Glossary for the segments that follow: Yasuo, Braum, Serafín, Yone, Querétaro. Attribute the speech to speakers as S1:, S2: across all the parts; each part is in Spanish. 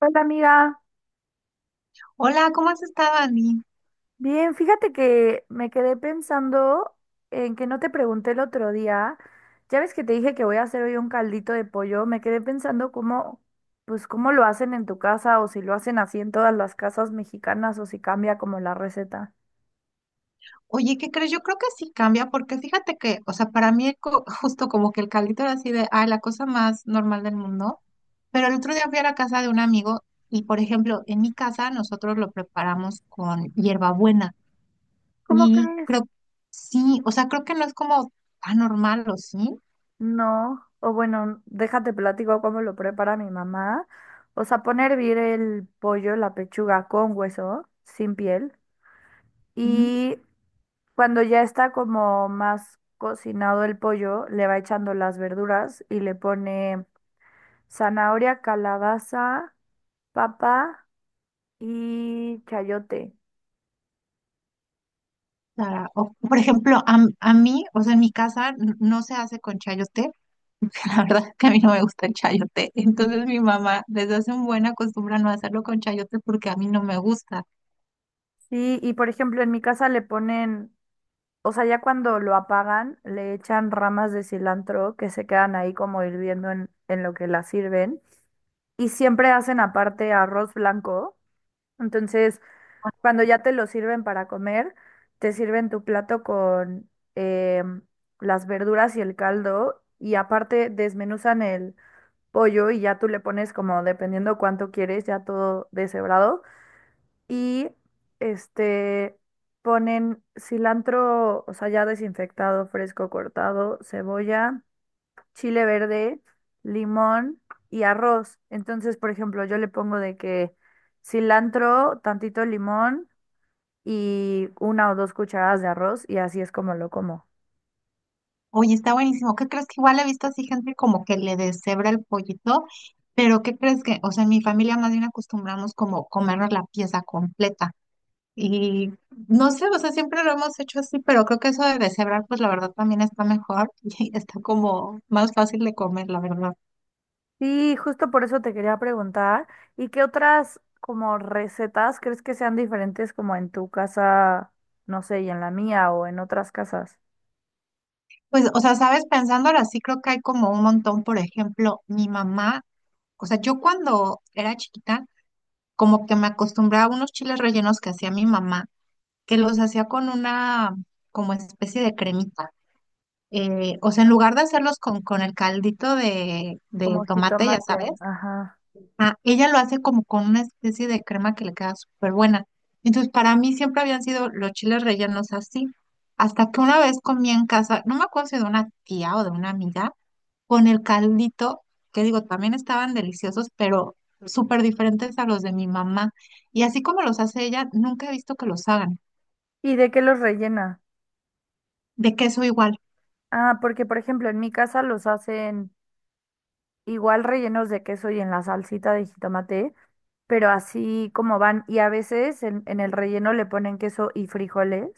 S1: Hola amiga,
S2: Hola, ¿cómo has estado, Ani?
S1: bien, fíjate que me quedé pensando en que no te pregunté el otro día, ya ves que te dije que voy a hacer hoy un caldito de pollo, me quedé pensando cómo, pues cómo lo hacen en tu casa o si lo hacen así en todas las casas mexicanas o si cambia como la receta.
S2: Oye, ¿qué crees? Yo creo que sí cambia, porque fíjate que, o sea, para mí, justo como que el caldito era así de, ay, la cosa más normal del mundo. Pero el otro día fui a la casa de un amigo y, por ejemplo, en mi casa nosotros lo preparamos con hierbabuena.
S1: ¿Cómo
S2: Y
S1: crees?
S2: creo, sí, o sea, creo que no es como tan normal, ¿o sí?
S1: No, o bueno, déjate platico cómo lo prepara mi mamá. O sea, pone a hervir el pollo, la pechuga con hueso, sin piel.
S2: Ujú.
S1: y Cuando ya está como más cocinado el pollo, le va echando las verduras y le pone zanahoria, calabaza, papa y chayote.
S2: O sea, o, por ejemplo, a mí, o sea, en mi casa no se hace con chayote. La verdad es que a mí no me gusta el chayote. Entonces mi mamá desde hace un buen acostumbra no hacerlo con chayote porque a mí no me gusta.
S1: Sí, y por ejemplo, en mi casa le ponen, o sea, ya cuando lo apagan, le echan ramas de cilantro que se quedan ahí como hirviendo en lo que la sirven. Y siempre hacen aparte arroz blanco. Entonces, cuando ya te lo sirven para comer, te sirven tu plato con em, las verduras y el caldo, y aparte desmenuzan el pollo y ya tú le pones como dependiendo cuánto quieres, ya todo deshebrado y este ponen cilantro, o sea, ya desinfectado, fresco, cortado, cebolla, chile verde, limón y arroz. Entonces, por ejemplo, yo le pongo de que cilantro, tantito limón y una o dos cucharadas de arroz, y así es como lo como.
S2: Oye, está buenísimo. ¿Qué crees? Que igual he visto así gente como que le deshebra el pollito. Pero ¿qué crees? Que? O sea, en mi familia más bien acostumbramos como comernos la pieza completa. Y no sé, o sea, siempre lo hemos hecho así, pero creo que eso de deshebrar, pues la verdad también está mejor y está como más fácil de comer, la verdad.
S1: Sí, justo por eso te quería preguntar, ¿y qué otras como recetas crees que sean diferentes como en tu casa, no sé, y en la mía o en otras casas?
S2: Pues, o sea, sabes, pensándolo así, creo que hay como un montón. Por ejemplo, mi mamá, o sea, yo cuando era chiquita, como que me acostumbraba a unos chiles rellenos que hacía mi mamá, que los hacía con una como especie de cremita. O sea, en lugar de hacerlos con el caldito de
S1: Como
S2: tomate, ya
S1: jitomate,
S2: sabes,
S1: ajá.
S2: ah, ella lo hace como con una especie de crema que le queda súper buena. Entonces, para mí siempre habían sido los chiles rellenos así, hasta que una vez comí en casa, no me acuerdo si de una tía o de una amiga, con el caldito, que digo, también estaban deliciosos, pero súper diferentes a los de mi mamá. Y así como los hace ella, nunca he visto que los hagan.
S1: ¿Y de qué los rellena?
S2: De queso igual.
S1: Ah, porque por ejemplo en mi casa los hacen igual rellenos de queso y en la salsita de jitomate, pero así como van, y a veces en el relleno le ponen queso y frijoles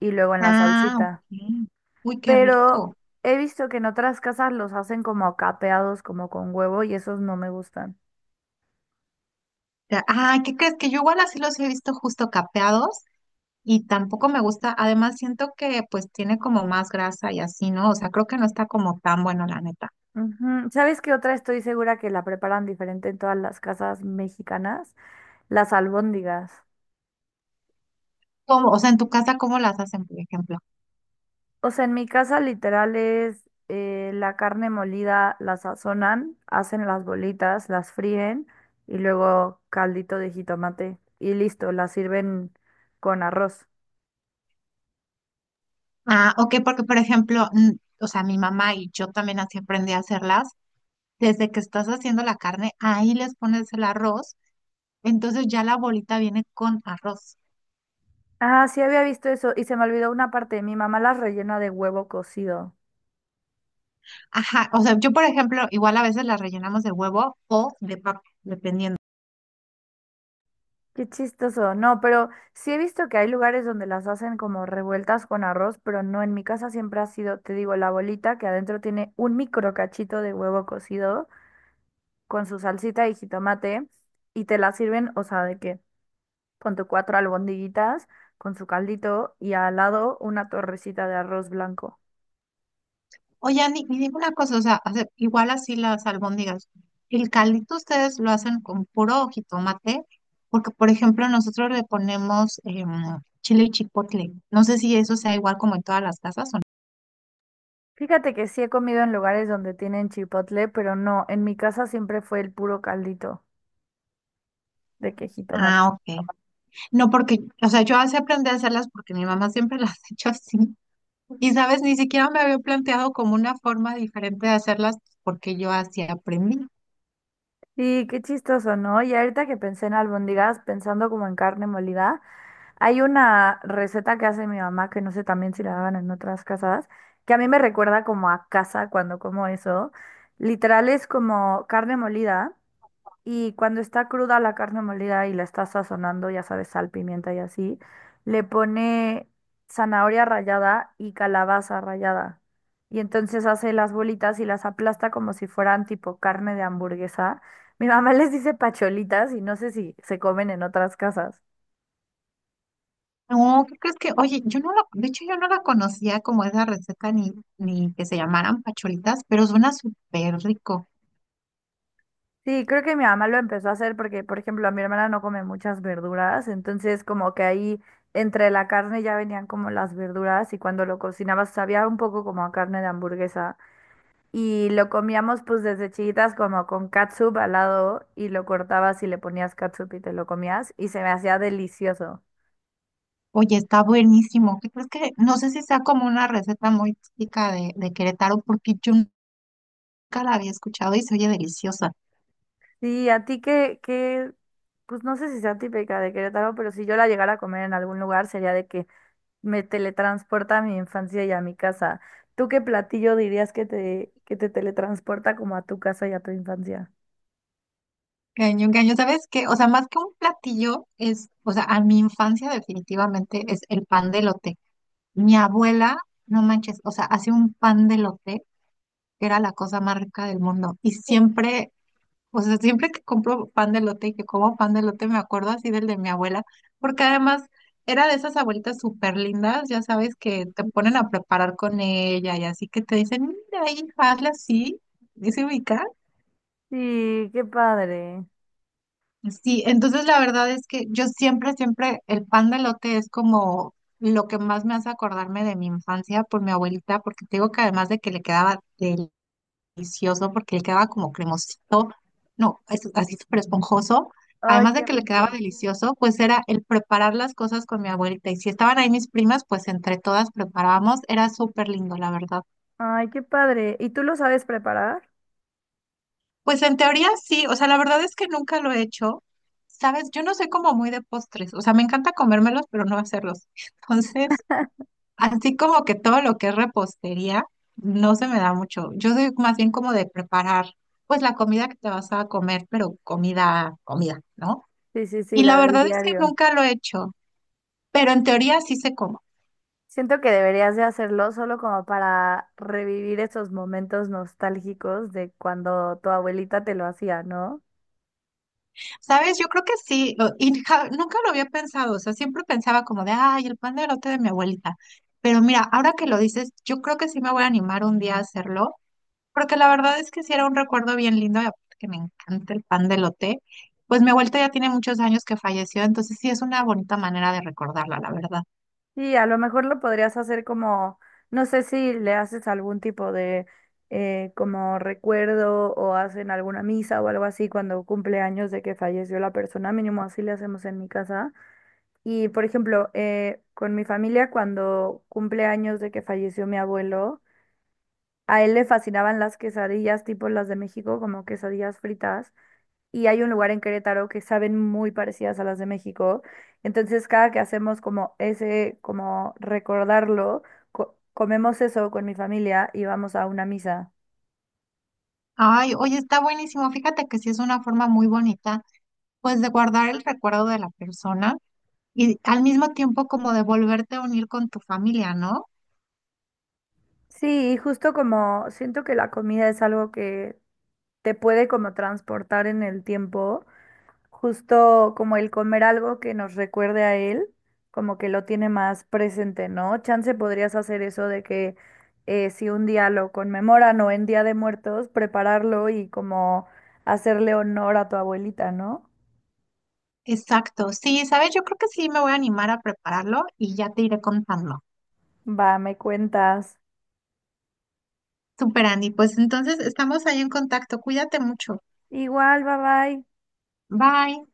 S1: y luego en la
S2: Ah,
S1: salsita.
S2: ok. Uy, qué
S1: Pero
S2: rico.
S1: he visto que en otras casas los hacen como capeados, como con huevo, y esos no me gustan.
S2: Ay, ¿qué crees? Que yo igual así los he visto justo capeados y tampoco me gusta. Además, siento que pues tiene como más grasa y así, ¿no? O sea, creo que no está como tan bueno, la neta.
S1: Ujú. ¿Sabes qué otra estoy segura que la preparan diferente en todas las casas mexicanas? Las albóndigas.
S2: ¿Cómo? O sea, en tu casa, ¿cómo las hacen, por ejemplo?
S1: O sea, en mi casa literal es la carne molida, la sazonan, hacen las bolitas, las fríen y luego caldito de jitomate y listo, las sirven con arroz.
S2: Ah, ok, porque por ejemplo, o sea, mi mamá y yo también así aprendí a hacerlas desde que estás haciendo la carne, ahí les pones el arroz, entonces ya la bolita viene con arroz.
S1: Ah, sí había visto eso y se me olvidó una parte. Mi mamá las rellena de huevo cocido.
S2: Ajá, o sea, yo por ejemplo, igual a veces la rellenamos de huevo o de papa, dependiendo.
S1: Qué chistoso. No, pero sí he visto que hay lugares donde las hacen como revueltas con arroz, pero no, en mi casa siempre ha sido, te digo, la bolita que adentro tiene un micro cachito de huevo cocido con su salsita y jitomate y te la sirven, o sea, de que con tu cuatro albondiguitas, con su caldito y al lado una torrecita de arroz blanco.
S2: Oye, Ani, y dime una cosa, o sea, igual así las albóndigas, el caldito ustedes lo hacen con puro jitomate, porque por ejemplo nosotros le ponemos chile y chipotle. No sé si eso sea igual como en todas las casas o no.
S1: Fíjate que sí he comido en lugares donde tienen chipotle, pero no, en mi casa siempre fue el puro caldito de que jitomate.
S2: Ah, ok. No, porque, o sea, yo así aprendí a hacerlas porque mi mamá siempre las ha hecho así. Y sabes, ni siquiera me había planteado como una forma diferente de hacerlas porque yo así aprendí.
S1: Sí, qué chistoso, ¿no? Y ahorita que pensé en albóndigas, pensando como en carne molida, hay una receta que hace mi mamá, que no sé también si la hagan en otras casas, que a mí me recuerda como a casa cuando como eso. Literal es como carne molida. Y cuando está cruda la carne molida y la está sazonando, ya sabes, sal, pimienta y así, le pone zanahoria rallada y calabaza rallada. Y entonces hace las bolitas y las aplasta como si fueran tipo carne de hamburguesa. Mi mamá les dice pacholitas y no sé si se comen en otras casas.
S2: No, ¿qué crees? Que? Oye, yo no la, de hecho yo no la conocía como esa receta ni, ni que se llamaran pacholitas, pero suena súper rico.
S1: Sí, creo que mi mamá lo empezó a hacer porque, por ejemplo, a mi hermana no come muchas verduras, entonces como que ahí entre la carne ya venían como las verduras y cuando lo cocinabas sabía un poco como a carne de hamburguesa. Y lo comíamos pues desde chiquitas como con catsup al lado y lo cortabas y le ponías catsup y te lo comías y se me hacía delicioso.
S2: Oye, está buenísimo. ¿Qué crees? Que? No sé si sea como una receta muy típica de Querétaro porque yo nunca la había escuchado y se oye deliciosa.
S1: Sí, a ti pues no sé si sea típica de Querétaro, pero si yo la llegara a comer en algún lugar sería de que me teletransporta a mi infancia y a mi casa. ¿Tú qué platillo dirías que te teletransporta como a tu casa y a tu infancia?
S2: Cañón, cañón, ¿sabes qué? O sea, más que un platillo es, o sea, a mi infancia definitivamente es el pan de elote. Mi abuela, no manches, o sea, hacía un pan de lote que era la cosa más rica del mundo. Y siempre, o sea, siempre que compro pan de lote y que como pan de lote me acuerdo así del de mi abuela, porque además era de esas abuelitas súper lindas, ya sabes, que te ponen a preparar con ella y así, que te dicen, mira, hija, hazle así, dice se
S1: Sí, qué padre.
S2: Sí, entonces la verdad es que yo siempre, siempre, el pan de elote es como lo que más me hace acordarme de mi infancia por mi abuelita, porque te digo que además de que le quedaba delicioso, porque le quedaba como cremosito, no, es así súper esponjoso,
S1: Ay,
S2: además de
S1: qué
S2: que le quedaba
S1: rico.
S2: delicioso, pues era el preparar las cosas con mi abuelita. Y si estaban ahí mis primas, pues entre todas preparábamos, era súper lindo, la verdad.
S1: Ay, qué padre. ¿Y tú lo sabes preparar?
S2: Pues en teoría sí, o sea, la verdad es que nunca lo he hecho. Sabes, yo no soy como muy de postres, o sea, me encanta comérmelos, pero no hacerlos. Entonces, así como que todo lo que es repostería no se me da mucho. Yo soy más bien como de preparar, pues la comida que te vas a comer, pero comida, comida, ¿no?
S1: Sí, sí, sí,
S2: Y
S1: la
S2: la
S1: del
S2: verdad es que
S1: diario.
S2: nunca lo he hecho, pero en teoría sí sé cómo.
S1: Siento que deberías de hacerlo solo como para revivir esos momentos nostálgicos de cuando tu abuelita te lo hacía, ¿no?
S2: ¿Sabes? Yo creo que sí, y nunca lo había pensado, o sea, siempre pensaba como de, ay, el pan de elote de mi abuelita. Pero mira, ahora que lo dices, yo creo que sí me voy a animar un día a hacerlo, porque la verdad es que sí era un recuerdo bien lindo, y aparte que me encanta el pan de elote. Pues mi abuelita ya tiene muchos años que falleció, entonces sí es una bonita manera de recordarla, la verdad.
S1: Y a lo mejor lo podrías hacer como, no sé si le haces algún tipo de como recuerdo o hacen alguna misa o algo así cuando cumple años de que falleció la persona, mínimo así le hacemos en mi casa. Y por ejemplo, con mi familia cuando cumple años de que falleció mi abuelo. A él le fascinaban las quesadillas, tipo las de México, como quesadillas fritas. Y hay un lugar en Querétaro que saben muy parecidas a las de México. Entonces, cada que hacemos como ese, como recordarlo, comemos eso con mi familia y vamos a una misa.
S2: Ay, oye, está buenísimo, fíjate que sí es una forma muy bonita, pues de guardar el recuerdo de la persona y al mismo tiempo como de volverte a unir con tu familia, ¿no?
S1: Sí, y justo como siento que la comida es algo que te puede como transportar en el tiempo. Justo como el comer algo que nos recuerde a él, como que lo tiene más presente, ¿no? Chance podrías hacer eso de que si un día lo conmemoran o en Día de Muertos, prepararlo y como hacerle honor a tu abuelita, ¿no?
S2: Exacto, sí, sabes, yo creo que sí me voy a animar a prepararlo y ya te iré contando.
S1: Va, me cuentas.
S2: Super Andy, pues entonces estamos ahí en contacto, cuídate mucho.
S1: Igual, bye bye.
S2: Bye.